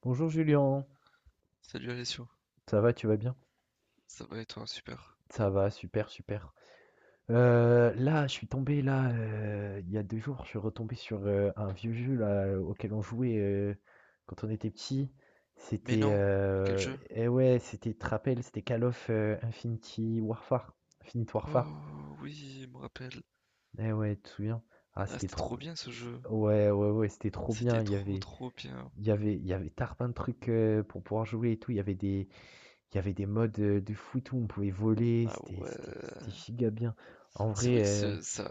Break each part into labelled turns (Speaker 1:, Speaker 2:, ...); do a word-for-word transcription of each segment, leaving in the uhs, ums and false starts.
Speaker 1: Bonjour Julien,
Speaker 2: Salut Alessio,
Speaker 1: ça va, tu vas bien?
Speaker 2: ça va et toi? Super.
Speaker 1: Ça va, super, super. Euh, là, je suis tombé, là, euh, il y a deux jours, je suis retombé sur euh, un vieux jeu là, auquel on jouait euh, quand on était petit.
Speaker 2: Mais
Speaker 1: C'était,
Speaker 2: non, quel
Speaker 1: euh,
Speaker 2: jeu?
Speaker 1: eh ouais, c'était, tu te rappelles, c'était Call of euh, Infinity Warfare. Infinite Warfare.
Speaker 2: Oh oui, il me rappelle.
Speaker 1: Eh ouais, tu te souviens? Ah,
Speaker 2: Ah,
Speaker 1: c'était
Speaker 2: c'était
Speaker 1: trop.
Speaker 2: trop bien ce jeu.
Speaker 1: Ouais, ouais, ouais, c'était trop bien.
Speaker 2: C'était
Speaker 1: Il y
Speaker 2: trop
Speaker 1: avait,
Speaker 2: trop bien.
Speaker 1: il y avait, il y avait tarbin de trucs euh, pour pouvoir jouer et tout. Il y avait des, Il y avait des modes, heu, de foot où on pouvait voler,
Speaker 2: Ah
Speaker 1: c'était c'était
Speaker 2: ouais.
Speaker 1: c'était giga bien. En
Speaker 2: C'est
Speaker 1: vrai,
Speaker 2: vrai que
Speaker 1: heu,
Speaker 2: ce- Ça,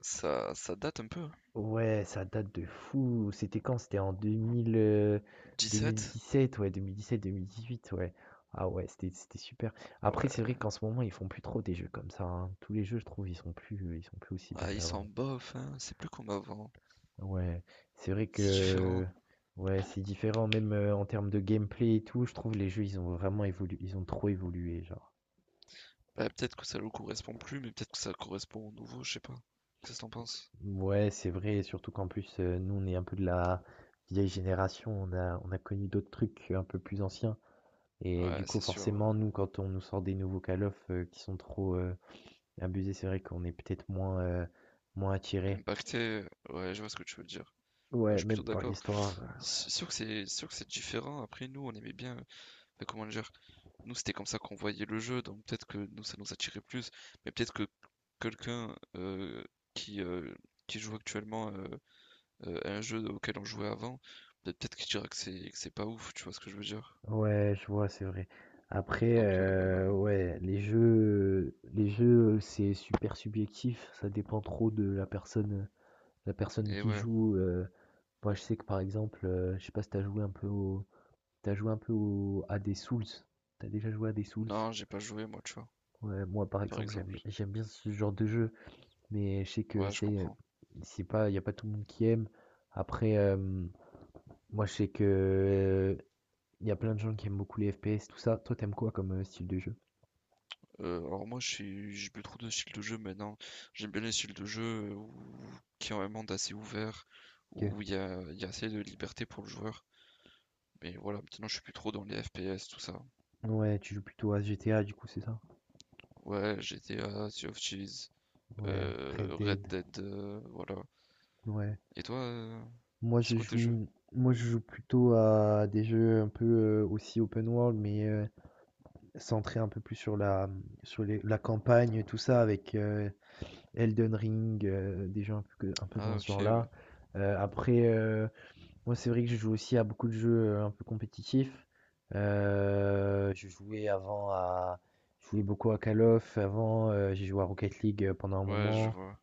Speaker 2: ça, ça date un peu, hein.
Speaker 1: ouais, ça date de fou. C'était quand? C'était en deux mille, heu,
Speaker 2: Sept.
Speaker 1: deux mille dix-sept, ouais, deux mille dix-sept-deux mille dix-huit, ouais. Ah ouais, c'était c'était super. Après, c'est
Speaker 2: Ouais.
Speaker 1: vrai qu'en ce moment, ils font plus trop des jeux comme ça, hein. Tous les jeux, je trouve, ils sont plus, ils sont plus aussi bien
Speaker 2: Ah, ils sont
Speaker 1: qu'avant.
Speaker 2: bof, hein. C'est plus comme avant.
Speaker 1: Ouais, c'est vrai
Speaker 2: C'est
Speaker 1: que
Speaker 2: différent.
Speaker 1: ouais, c'est différent même, heu, en termes de gameplay et tout. Je trouve les jeux, ils ont vraiment évolué, ils ont trop évolué, genre.
Speaker 2: Bah, peut-être que ça leur correspond plus, mais peut-être que ça correspond au nouveau, je sais pas. Qu'est-ce que t'en penses?
Speaker 1: Ouais, c'est vrai, surtout qu'en plus, heu, nous, on est un peu de la vieille génération, on a on a connu d'autres trucs un peu plus anciens et
Speaker 2: Ouais,
Speaker 1: du coup,
Speaker 2: c'est sûr.
Speaker 1: forcément, nous, quand on nous sort des nouveaux Call of, heu, qui sont trop, heu, abusés, c'est vrai qu'on est peut-être moins, heu, moins attirés.
Speaker 2: Impacté, ouais, je vois ce que tu veux dire. Ah, je
Speaker 1: Ouais,
Speaker 2: suis plutôt
Speaker 1: même par
Speaker 2: d'accord.
Speaker 1: l'histoire.
Speaker 2: C'est sûr que c'est sûr que c'est différent. Après, nous, on aimait bien. Enfin, comment dire? Nous, c'était comme ça qu'on voyait le jeu, donc peut-être que nous, ça nous attirait plus. Mais peut-être que quelqu'un euh, qui, euh, qui joue actuellement, euh, euh, à un jeu auquel on jouait avant, peut-être peut-être qu'il dira que c'est que c'est pas ouf, tu vois ce que je veux dire?
Speaker 1: Ouais, je vois, c'est vrai. Après,
Speaker 2: Donc, euh,
Speaker 1: heu, ouais, les jeux les jeux, c'est super subjectif, ça dépend trop de la personne, la personne
Speaker 2: et
Speaker 1: qui
Speaker 2: ouais.
Speaker 1: joue, heu. Moi, je sais que, par exemple, heu, je sais pas si t'as joué un peu au T'as joué un peu au- à des Souls? T'as déjà joué à des Souls?
Speaker 2: Non, j'ai pas joué, moi, tu vois,
Speaker 1: Ouais, moi par
Speaker 2: par
Speaker 1: exemple j'aime
Speaker 2: exemple.
Speaker 1: j'aime bien ce genre de jeu, mais je sais que
Speaker 2: Ouais, je
Speaker 1: c'est
Speaker 2: comprends.
Speaker 1: c'est pas y a pas tout le monde qui aime. Après euh, moi je sais que il y a plein de gens qui aiment beaucoup les F P S tout ça. Toi, t'aimes quoi comme euh, style de jeu?
Speaker 2: Heu, alors moi je suis j'ai plus trop de style de jeu maintenant. J'aime bien les styles de jeu où qui ont un monde assez ouvert,
Speaker 1: Ok.
Speaker 2: où il y a il y a assez de liberté pour le joueur. Mais voilà, maintenant je suis plus trop dans les F P S, tout ça.
Speaker 1: Ouais, tu joues plutôt à G T A du coup c'est ça?
Speaker 2: Ouais, G T A, Sea of Thieves,
Speaker 1: Ouais, Red
Speaker 2: heu, Red
Speaker 1: Dead.
Speaker 2: Dead, heu, voilà.
Speaker 1: Ouais.
Speaker 2: Et toi, heu,
Speaker 1: Moi
Speaker 2: c'est
Speaker 1: je
Speaker 2: quoi tes jeux?
Speaker 1: joue moi je joue plutôt à des jeux un peu euh, aussi open world mais euh, centré un peu plus sur la, hum, sur les- la campagne, tout ça, avec euh, Elden Ring, euh, des jeux un peu, que- un peu
Speaker 2: Ah
Speaker 1: dans ce
Speaker 2: ok, oui.
Speaker 1: genre-là. Euh, après, euh, moi, c'est vrai que je joue aussi à beaucoup de jeux euh, un peu compétitifs. Euh, je jouais avant à. Je jouais beaucoup à Call of avant, euh, j'ai joué à Rocket League euh, pendant un
Speaker 2: Ouais, je
Speaker 1: moment.
Speaker 2: vois,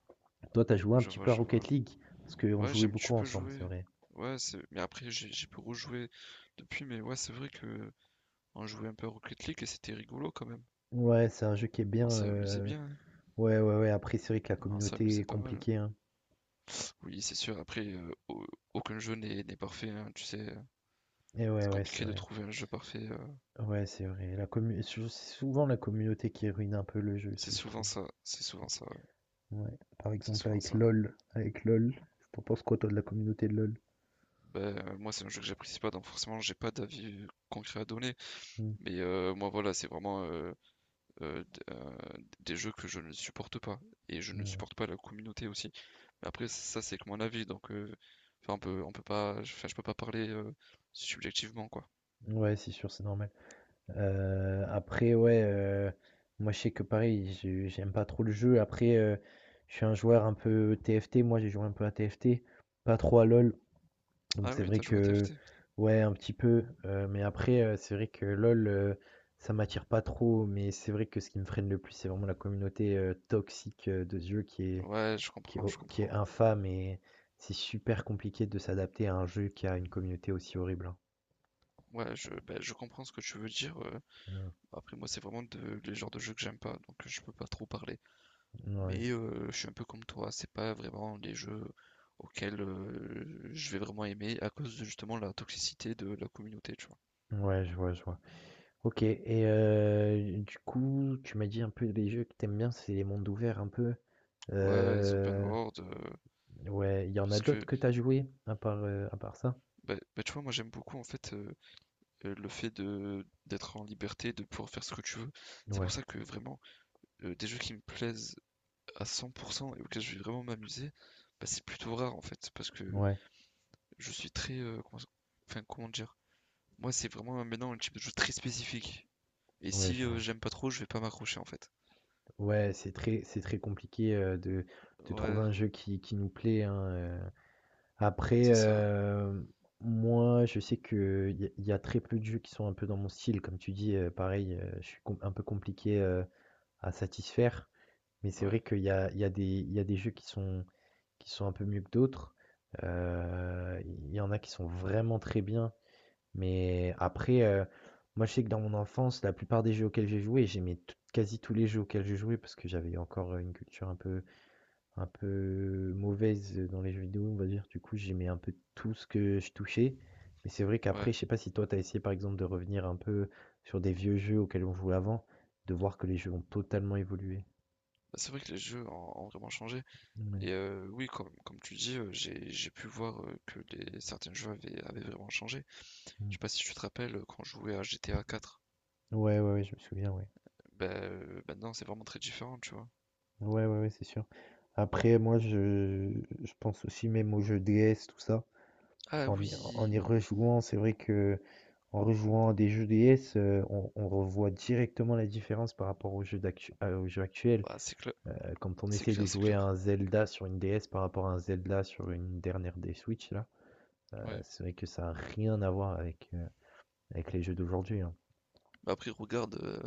Speaker 1: Toi, t'as joué un
Speaker 2: je
Speaker 1: petit
Speaker 2: vois,
Speaker 1: peu à
Speaker 2: je
Speaker 1: Rocket
Speaker 2: vois.
Speaker 1: League, parce qu'on
Speaker 2: Ouais,
Speaker 1: jouait
Speaker 2: j'aime tu
Speaker 1: beaucoup
Speaker 2: peux
Speaker 1: ensemble, c'est
Speaker 2: jouer.
Speaker 1: vrai.
Speaker 2: Ouais, c'est mais après j'ai j'ai pu rejouer depuis, mais ouais, c'est vrai que qu'on jouait un peu à Rocket League et c'était rigolo quand même.
Speaker 1: Ouais, c'est un jeu qui est bien.
Speaker 2: On s'est amusé
Speaker 1: euh,
Speaker 2: bien, hein.
Speaker 1: Ouais, ouais, ouais. Après, c'est vrai que la
Speaker 2: On s'est
Speaker 1: communauté
Speaker 2: amusé
Speaker 1: est
Speaker 2: pas mal.
Speaker 1: compliquée, hein.
Speaker 2: Oui, c'est sûr, après, euh, au- aucun jeu n'est n'est parfait, hein, tu sais. euh,
Speaker 1: Et ouais,
Speaker 2: C'est
Speaker 1: ouais, c'est
Speaker 2: compliqué de
Speaker 1: vrai.
Speaker 2: trouver un jeu parfait. euh,
Speaker 1: Ouais, c'est vrai. La commu sou c'est souvent la communauté qui ruine un peu le jeu,
Speaker 2: C'est
Speaker 1: ce je
Speaker 2: souvent
Speaker 1: trouve.
Speaker 2: ça, c'est souvent ça, ouais,
Speaker 1: Ouais. Par
Speaker 2: c'est
Speaker 1: exemple
Speaker 2: souvent
Speaker 1: avec
Speaker 2: ça.
Speaker 1: LOL, avec LOL, t'en penses quoi toi de la communauté de LOL?
Speaker 2: Ben, euh, moi, c'est un jeu que j'apprécie pas, donc forcément, j'ai pas d'avis euh, concret à donner.
Speaker 1: Mmh,
Speaker 2: Mais euh, moi, voilà, c'est vraiment euh, euh, d- euh, des jeux que je ne supporte pas. Et je ne
Speaker 1: mmh. Ouais,
Speaker 2: supporte pas la communauté aussi. Mais après, ça, c'est que mon avis, donc euh, enfin, on peut, on peut pas, enfin, je peux pas parler, euh, subjectivement, quoi.
Speaker 1: ouais, c'est sûr, c'est normal. Euh, après, ouais, euh, moi je sais que pareil, je- j'aime pas trop le jeu. Après, euh, je suis un joueur un peu T F T, moi j'ai joué un peu à T F T, pas trop à LOL. Donc
Speaker 2: Ah
Speaker 1: c'est
Speaker 2: oui,
Speaker 1: vrai
Speaker 2: t'as joué à
Speaker 1: que
Speaker 2: T F T?
Speaker 1: ouais, un petit peu, heu, mais après, heu, c'est vrai que LOL, heu, ça m'attire pas trop, mais c'est vrai que ce qui me freine le plus, c'est vraiment la communauté, heu, toxique, heu, de ce jeu qui est
Speaker 2: Ouais, je
Speaker 1: qui est
Speaker 2: comprends, je
Speaker 1: ho qui est
Speaker 2: comprends.
Speaker 1: infâme et c'est super compliqué de s'adapter à un jeu qui a une communauté aussi horrible, hein.
Speaker 2: Ouais, je, ben, je comprends ce que tu veux dire. euh.
Speaker 1: Mmh,
Speaker 2: Après, moi, c'est vraiment de, les genres de jeux que j'aime pas, donc euh, je peux pas trop parler.
Speaker 1: ouais.
Speaker 2: Mais euh, je suis un peu comme toi, c'est pas vraiment les jeux auxquels euh, je vais vraiment aimer à cause de justement la toxicité de la communauté, tu vois.
Speaker 1: Ouais, je vois, je vois. OK, et heu, du coup, tu m'as dit un peu les jeux que t'aimes bien, c'est les mondes ouverts un peu,
Speaker 2: Ouais, les open
Speaker 1: heu,
Speaker 2: world, euh,
Speaker 1: ouais, il y en a
Speaker 2: parce que,
Speaker 1: d'autres que t'as joué à part, heu, à part ça?
Speaker 2: ben, ben, tu vois, moi, j'aime beaucoup en fait, euh, euh, le fait de d'être en liberté, de pouvoir faire ce que tu veux. C'est pour
Speaker 1: Ouais.
Speaker 2: ça que vraiment, euh, des jeux qui me plaisent à cent pour cent et auquel je vais vraiment m'amuser, bah, c'est plutôt rare en fait, parce que
Speaker 1: Ouais.
Speaker 2: je suis très... euh, comment... Enfin, comment dire? Moi, c'est vraiment euh, maintenant un type de jeu très spécifique. Et
Speaker 1: Ouais,
Speaker 2: si
Speaker 1: je
Speaker 2: euh,
Speaker 1: vois.
Speaker 2: j'aime pas trop, je vais pas m'accrocher en fait.
Speaker 1: Ouais, c'est très, c'est très compliqué euh, de, de trouver
Speaker 2: Ouais,
Speaker 1: un jeu qui, qui nous plaît, hein, euh. Après,
Speaker 2: c'est ça.
Speaker 1: euh, moi, je sais que il y, a y a très peu de jeux qui sont un peu dans mon style. Comme tu dis, euh, pareil, euh, je suis com- un peu compliqué euh, à satisfaire. Mais c'est
Speaker 2: Ouais,
Speaker 1: vrai qu'il y a, il y a des, il y a des jeux qui sont, qui sont un peu mieux que d'autres. Euh, Il y en a qui sont vraiment très bien. Mais après, heu, moi, je sais que dans mon enfance, la plupart des jeux auxquels j'ai joué, j'aimais tou quasi tous les jeux auxquels j'ai joué parce que j'avais encore, euh, une culture un peu un peu mauvaise, euh, dans les jeux vidéo, on va dire. Du coup, j'aimais un peu tout ce que je touchais. Mais c'est vrai
Speaker 2: ouais.
Speaker 1: qu'après, je sais pas si toi, t'as essayé, par exemple, de revenir un peu sur des vieux jeux auxquels on jouait avant, de voir que les jeux ont totalement évolué.
Speaker 2: Bah, c'est vrai que les jeux ont, ont vraiment changé.
Speaker 1: Mouais.
Speaker 2: Et euh, oui, comme, comme tu dis, euh, j'ai, j'ai pu voir euh, que les, certains jeux avaient, avaient vraiment changé. Je
Speaker 1: Mmh.
Speaker 2: sais pas si tu te rappelles, euh, quand je jouais à G T A quatre 4,
Speaker 1: Ouais, ouais, ouais, je me souviens, ouais.
Speaker 2: bah, euh, maintenant c'est vraiment très différent, tu vois.
Speaker 1: Ouais, ouais, ouais, c'est sûr. Après, moi, je je pense aussi même aux jeux D S, tout ça.
Speaker 2: Ah
Speaker 1: En y, en y
Speaker 2: oui,
Speaker 1: rejouant, c'est vrai que en rejouant à des jeux D S, euh, on, on revoit directement la différence par rapport aux jeux, d'actu- euh, aux jeux actuels.
Speaker 2: bah, c'est clair,
Speaker 1: Euh, quand on
Speaker 2: c'est
Speaker 1: essaie de
Speaker 2: clair, c'est
Speaker 1: jouer à
Speaker 2: clair.
Speaker 1: un Zelda sur une D S par rapport à un Zelda sur une dernière des Switch, là, euh,
Speaker 2: Ouais.
Speaker 1: c'est vrai que ça n'a rien à voir avec, euh, avec les jeux d'aujourd'hui. hein.
Speaker 2: Bah après regarde, euh,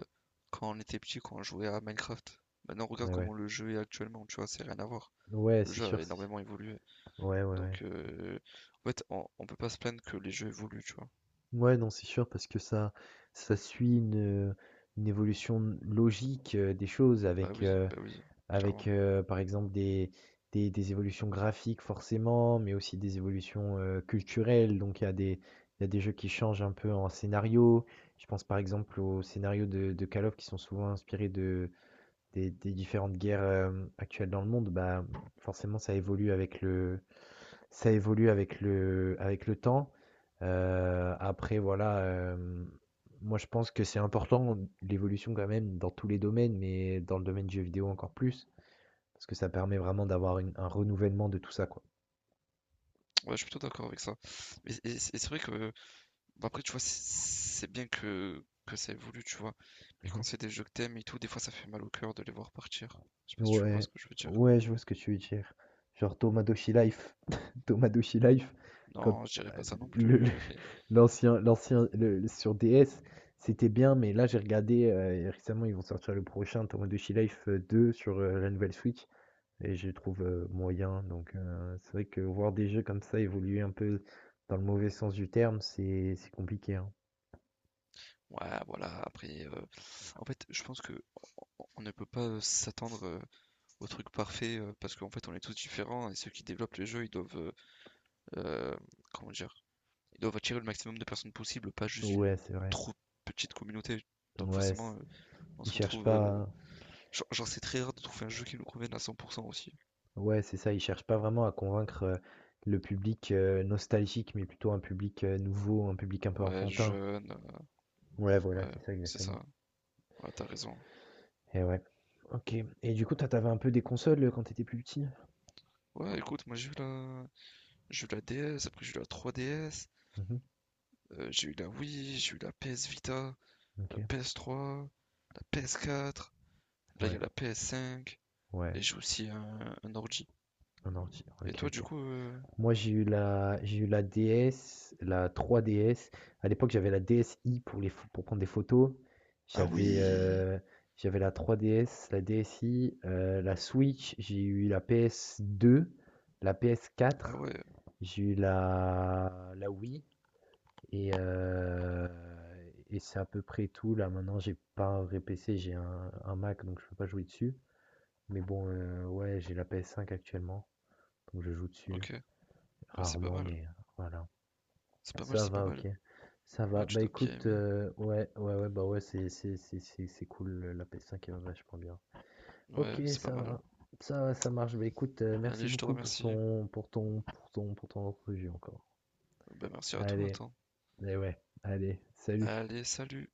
Speaker 2: quand on était petit quand on jouait à Minecraft. Maintenant regarde
Speaker 1: Ouais, ouais.
Speaker 2: comment le jeu est actuellement, tu vois, c'est rien à voir.
Speaker 1: Ouais,
Speaker 2: Le
Speaker 1: c'est
Speaker 2: jeu a
Speaker 1: sûr. c'est-
Speaker 2: énormément évolué.
Speaker 1: Ouais, ouais, ouais.
Speaker 2: Donc euh, en fait on, on peut pas se plaindre que les jeux évoluent, tu vois.
Speaker 1: Ouais, non, c'est sûr, parce que ça, ça suit une, euh, une évolution logique euh, des choses
Speaker 2: Bah
Speaker 1: avec.
Speaker 2: oui,
Speaker 1: euh,
Speaker 2: bah oui,
Speaker 1: Avec,
Speaker 2: clairement.
Speaker 1: heu, par exemple des des des évolutions graphiques forcément, mais aussi des évolutions, heu, culturelles. Donc il y a des il y a des jeux qui changent un peu en scénario. Je pense par exemple aux scénarios de de Call of qui sont souvent inspirés de des des différentes guerres, hem, actuelles dans le monde. Bah, forcément ça évolue avec le ça évolue avec le avec le temps. Heu, après voilà, hem, moi je pense que c'est important l'évolution quand même dans tous les domaines, mais dans le domaine du jeu vidéo encore plus. Parce que ça permet vraiment d'avoir une- un renouvellement de tout ça, quoi.
Speaker 2: Ouais, je suis plutôt d'accord avec ça. Et, et- et c'est vrai que bah après tu vois c'est c'est bien que, que ça évolue, tu vois. Mais quand
Speaker 1: Mhm.
Speaker 2: c'est des jeux que t'aimes et tout, des fois ça fait mal au cœur de les voir partir. Je sais pas si tu vois
Speaker 1: Ouais,
Speaker 2: ce que je veux dire.
Speaker 1: ouais, je vois ce que tu veux dire. Genre Tomadochi Life. Tomadochi Life, quand
Speaker 2: Non, je dirais
Speaker 1: euh,
Speaker 2: pas ça non
Speaker 1: le- le-
Speaker 2: plus, mais
Speaker 1: l'ancien, l'ancien, le- le- sur D S, c'était bien, mais là j'ai regardé, euh, et récemment ils vont sortir le prochain Tomadochi Life euh, deux sur euh, la nouvelle Switch, et je trouve euh, moyen. Donc euh, c'est vrai que voir des jeux comme ça évoluer un peu dans le mauvais sens du terme, c'est c'est compliqué, hein.
Speaker 2: ouais, voilà, après, euh, en fait, je pense que on ne peut pas, euh, s'attendre, euh, au truc parfait, euh, parce qu'en fait on est tous différents et ceux qui développent le jeu ils doivent, euh, euh, comment dire, ils doivent attirer le maximum de personnes possible, pas juste une
Speaker 1: Ouais, c'est vrai.
Speaker 2: trop petite communauté, donc
Speaker 1: Ouais,
Speaker 2: forcément
Speaker 1: c'est-
Speaker 2: euh, on
Speaker 1: ils
Speaker 2: se
Speaker 1: cherchent
Speaker 2: retrouve, euh,
Speaker 1: pas.
Speaker 2: genre, genre, c'est très rare de trouver un jeu qui nous convienne à cent pour cent aussi.
Speaker 1: Ouais, c'est ça, ils cherchent pas vraiment à convaincre euh, le public euh, nostalgique, mais plutôt un public euh, nouveau, un public un peu
Speaker 2: Ouais,
Speaker 1: enfantin.
Speaker 2: jeune,
Speaker 1: Ouais,
Speaker 2: euh,
Speaker 1: voilà,
Speaker 2: ouais
Speaker 1: c'est ça
Speaker 2: c'est ça,
Speaker 1: exactement.
Speaker 2: ouais t'as raison.
Speaker 1: Et ouais. Ok. Et du coup, toi, t'avais un peu des consoles euh, quand t'étais plus petit?
Speaker 2: Ouais écoute moi j'ai eu la j'ai eu la D S, après j'ai eu la trois D S,
Speaker 1: Mhm.
Speaker 2: euh, j'ai eu la Wii, j'ai eu la P S Vita,
Speaker 1: Ok.
Speaker 2: la P S trois, la P S quatre. Là, il y
Speaker 1: Ouais.
Speaker 2: a la P S cinq.
Speaker 1: Ouais.
Speaker 2: Et j'ai aussi un, un ordi.
Speaker 1: Un ordi.
Speaker 2: Et
Speaker 1: Ok,
Speaker 2: toi, du
Speaker 1: ok.
Speaker 2: coup. euh,
Speaker 1: Moi, j'ai eu la, j'ai eu la D S, la trois D S. À l'époque, j'avais la DSi pour les, pho- pour prendre des photos.
Speaker 2: Ah
Speaker 1: J'avais,
Speaker 2: oui!
Speaker 1: euh, J'avais la trois D S, la DSi, euh, la Switch. J'ai eu la P S deux, la
Speaker 2: Ah
Speaker 1: P S quatre.
Speaker 2: ouais,
Speaker 1: J'ai eu la, la Wii. Et, euh, et c'est à peu près tout. Là, maintenant, j'ai pas un vrai P C, j'ai un, un Mac, donc je peux pas jouer dessus. Mais bon, euh, ouais, j'ai la P S cinq actuellement. Donc je joue dessus.
Speaker 2: ok. Ouais, c'est pas
Speaker 1: Rarement,
Speaker 2: mal.
Speaker 1: mais voilà.
Speaker 2: C'est pas mal,
Speaker 1: Ça
Speaker 2: c'est pas
Speaker 1: va,
Speaker 2: mal.
Speaker 1: ok. Ça va.
Speaker 2: Ouais, tu
Speaker 1: Bah
Speaker 2: dois bien
Speaker 1: écoute,
Speaker 2: aimer.
Speaker 1: euh, ouais, ouais, ouais, bah ouais, c'est, c'est, c'est, c'est, c'est cool, le- la P S cinq est vachement bien. Ok,
Speaker 2: Ouais, c'est pas
Speaker 1: ça
Speaker 2: mal.
Speaker 1: va. Ça va, ça marche. Bah écoute, euh, merci
Speaker 2: Allez, je te
Speaker 1: beaucoup pour
Speaker 2: remercie.
Speaker 1: ton, pour ton, pour ton, pour ton entrevue encore.
Speaker 2: Ben, merci à toi,
Speaker 1: Allez,
Speaker 2: attends.
Speaker 1: et ouais, allez, salut.
Speaker 2: Allez, salut!